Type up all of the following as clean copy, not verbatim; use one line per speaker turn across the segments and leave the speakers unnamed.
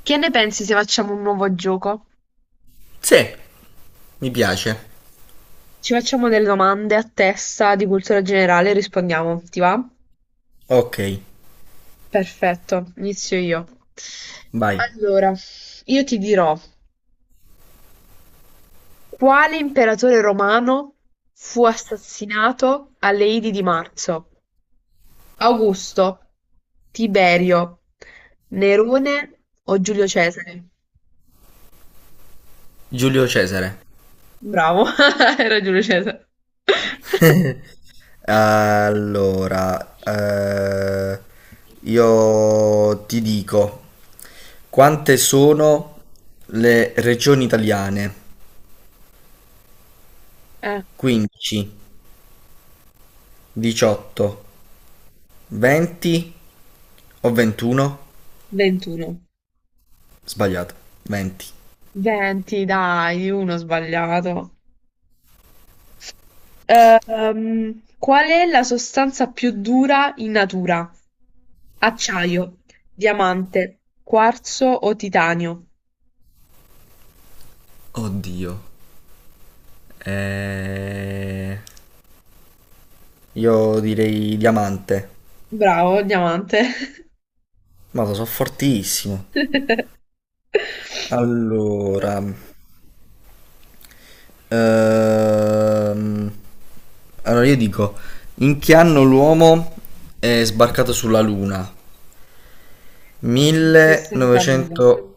Che ne pensi se facciamo un nuovo gioco?
Sì, mi piace.
Ci facciamo delle domande a testa di cultura generale e rispondiamo, ti va?
Ok,
Perfetto, inizio io.
vai.
Allora, io ti dirò, quale imperatore romano fu assassinato alle Idi di marzo? Augusto, Tiberio, Nerone o Giulio Cesare?
Giulio Cesare.
Bravo, era Giulio Cesare.
Allora, io ti dico quante sono le regioni italiane?
Eh,
15, 18, 20 o 21?
21.
Sbagliato, 20.
20, dai, uno sbagliato. Qual è la sostanza più dura in natura? Acciaio, diamante, quarzo o titanio?
Oddio. Eh... Io direi diamante,
Bravo, diamante.
ma lo so fortissimo. Allora, Ehm, allora io dico, in che anno l'uomo è sbarcato sulla Luna?
Il 69.
1900...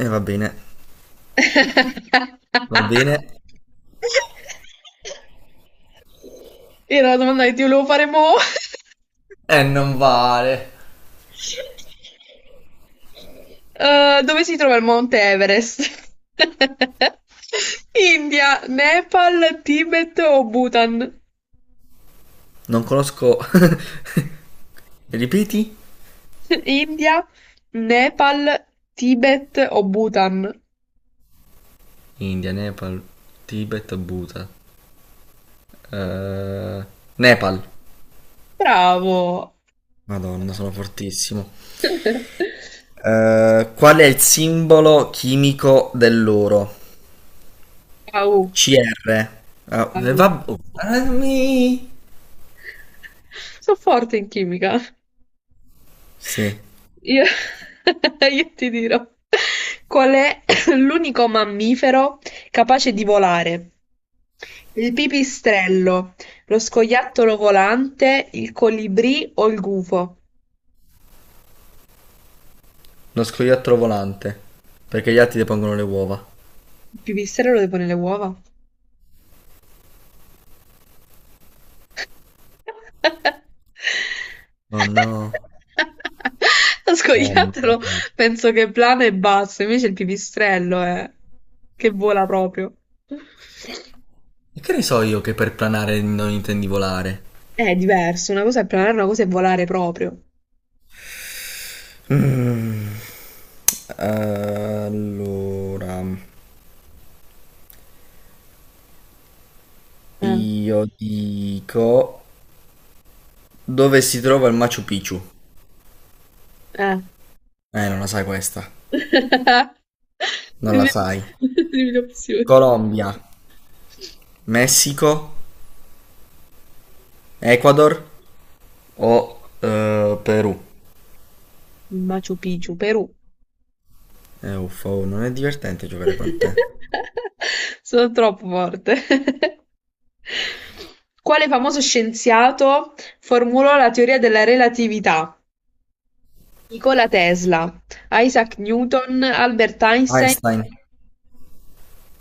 Va bene, va bene.
Era la domanda che ti volevo fare mo'.
Non vale.
Dove si trova il Monte Everest? India, Nepal, Tibet o Bhutan?
Non conosco... Ripeti?
India, Nepal, Tibet o Bhutan?
India, Nepal, Tibet, Bhutan. Eh, Nepal.
Bravo!
Madonna, sono fortissimo. Qual è il simbolo chimico dell'oro?
Au,
CR. Ah,
au.
va... oh, armi.
Sono forte in chimica.
Sì,
Io, io ti dirò qual è l'unico mammifero capace di volare. Il pipistrello, lo scoiattolo volante, il colibrì o il gufo?
uno scoiattolo volante. Perché gli altri depongono le uova.
Il pipistrello deve pone le uova.
Oh no.
Lo
Oh no.
scoiattolo penso che plana e basta, invece il pipistrello è che vola proprio.
E che ne so io che per planare non intendi volare?
È diverso, una cosa è planare, una cosa è volare proprio.
Mm. Allora,
Eh,
io dico, dove si trova il Machu Picchu?
eh.
Non la sai questa. Non la sai.
Dimmi l'opzione.
Colombia, Messico, Ecuador o Perù?
Machu Picchu, Perù.
Uffa, oh, non è divertente giocare con te.
Sono troppo forte. Quale famoso scienziato formulò la teoria della relatività? Nikola Tesla, Isaac Newton, Albert Einstein.
Einstein.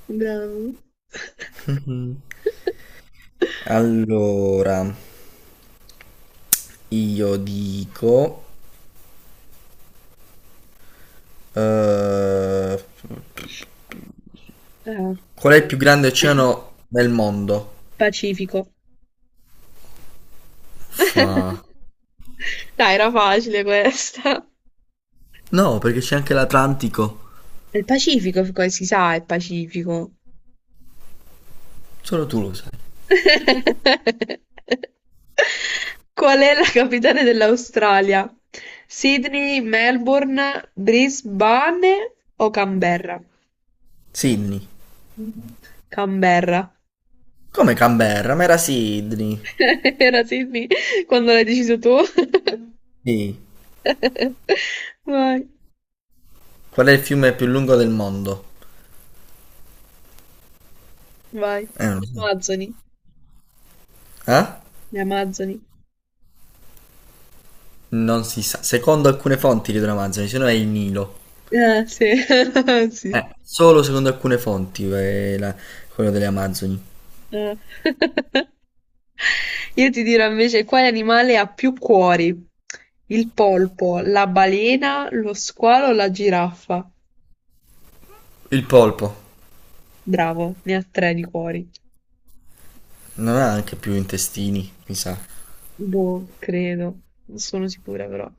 Bravo.
Mhm. Allora, io dico... eh,
Ah.
Qual è il più grande oceano del mondo?
Pacifico.
Uffa.
Dai, era facile questa.
No, perché c'è anche l'Atlantico.
È Il Pacifico, come si sa, è il Pacifico.
Solo tu lo sai.
Qual è la capitale dell'Australia? Sydney, Melbourne, Brisbane o Canberra?
Sydney.
Canberra.
Come Canberra? Ma era Sydney.
Era Sydney quando l'hai deciso tu.
Sì.
Vai.
Qual è il fiume più lungo del mondo?
Vai.
Non lo
Le
so.
Amazzoni,
Eh?
le Amazzoni.
Non si sa. Secondo alcune fonti di Amazoni, se no è il Nilo.
Sì. Sì.
Solo secondo alcune fonti, quello delle Amazzoni.
Eh. Io ti dirò invece quale animale ha più cuori? Il polpo, la balena, lo squalo o la giraffa?
Il polpo
Bravo, ne ha tre di cuori.
non ha anche più intestini, mi sa.
Boh, credo. Non sono sicura però.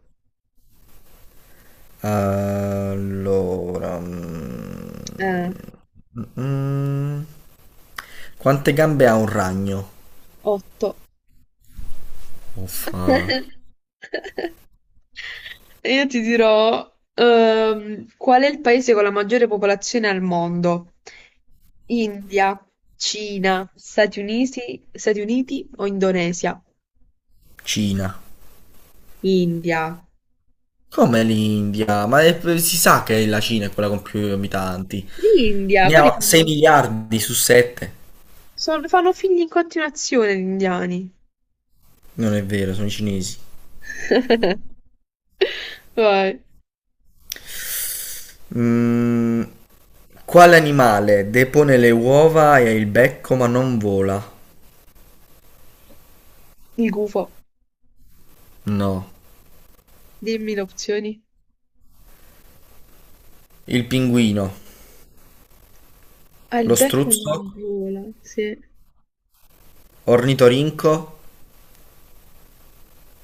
Allora,
Eh,
mm, quante gambe ha un ragno?
otto.
Uffa.
Io ti dirò, qual è il paese con la maggiore popolazione al mondo? India, Cina, Stati Uniti, Stati Uniti o Indonesia?
Cina.
India.
Come l'India? Si sa che la Cina è quella con più abitanti.
L'India,
Ne
quelli
ha 6
fanno...
miliardi su 7.
sono- fanno figli in continuazione gli indiani.
Non è vero, sono i cinesi.
Vai.
Mm, quale animale depone le uova e ha il becco ma non vola?
Il gufo.
No.
Dimmi le opzioni.
Il pinguino,
Ah, il
lo
becco è
struzzo,
gola, sì.
ornitorinco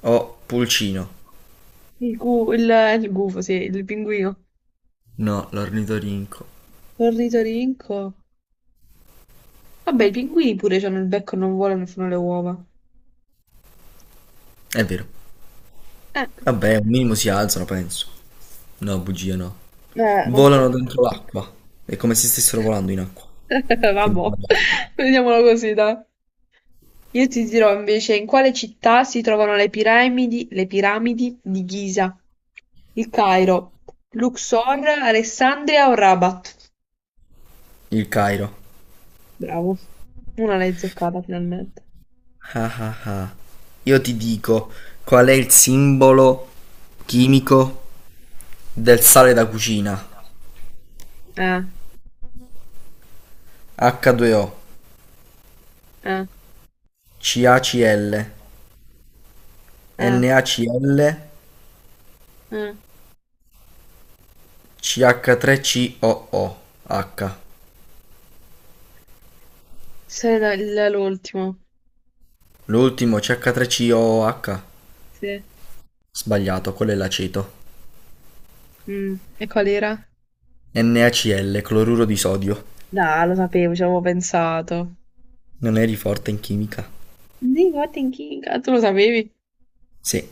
o pulcino?
Il il gufo, sì, il pinguino.
No, l'ornitorinco.
Ornitorinco. Vabbè, i pinguini pure hanno il becco, e non volano e fanno le uova.
È vero.
Eh,
Vabbè, un minimo si alzano, penso. No, bugia no.
non
Volano
penso.
dentro l'acqua. È come se stessero volando in acqua. Quindi
Vabbè, vediamolo così, dai. Io ti dirò invece in quale città si trovano le piramidi di Giza. Il Cairo, Luxor, Alessandria o Rabat?
il Cairo.
Bravo. Una l'hai azzeccata finalmente.
Ah ah ah. Io ti dico qual è il simbolo chimico del sale da cucina.
Eh,
H2O.
eh,
CACL,
eh,
NaCl,
eh.
CH3COOH.
Sei l'ultimo.
L'ultimo CH3COOH.
Sì.
Sbagliato, quello è l'aceto.
Mm, e qual era?
NaCl, cloruro di sodio.
No, lo sapevo, ci avevo pensato.
Non eri forte in chimica?
Sì, Martin King. Ah, tu lo sapevi?
Sì.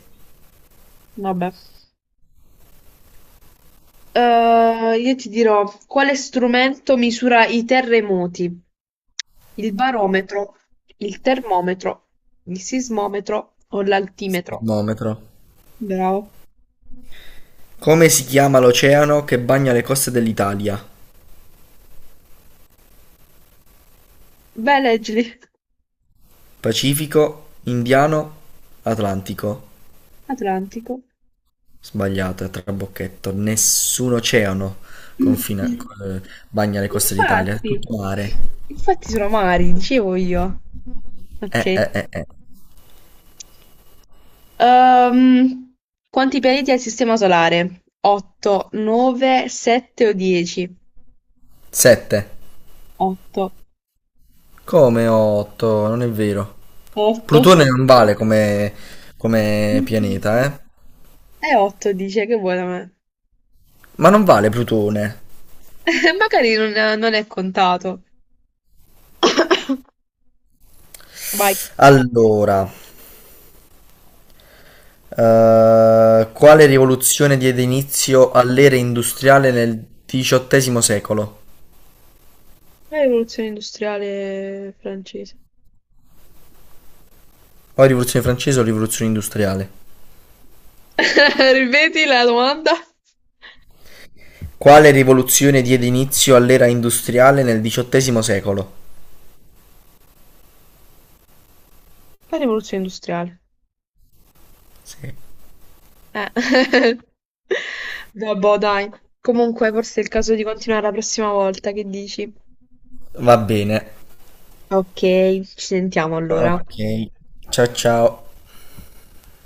Vabbè. Io ti dirò, quale strumento misura i terremoti? Il barometro, il termometro, il sismometro o l'altimetro?
Sismometro.
Bravo.
Come si chiama l'oceano che bagna le coste dell'Italia?
Beh, leggili.
Pacifico, Indiano, Atlantico.
Atlantico.
Sbagliato, è trabocchetto. Nessun oceano confina- eh, bagna le coste d'Italia, è
Infatti,
tutto mare.
infatti sono mari, dicevo io. Ok.
Eh.
Ehm, Quanti pianeti ha il Sistema Solare? 8, 9, 7 o 10?
7.
8.
Come 8? Non è vero.
Otto.
Plutone non vale come, come
Mm-mm.
pianeta, eh?
È 8, dice, che buona me.
Ma non vale Plutone.
Magari non è contato. Vai.
Allora, quale rivoluzione diede inizio all'era industriale nel XVIII secolo?
La rivoluzione industriale francese.
O rivoluzione francese o rivoluzione industriale?
Ripeti la domanda?
Quale rivoluzione diede inizio all'era industriale nel XVIII secolo?
La rivoluzione industriale.
Sì.
Eh. Vabbè, dai. Comunque, forse è il caso di continuare la prossima volta, che dici?
Va bene.
Ok, ci sentiamo allora.
Ok. Ciao ciao.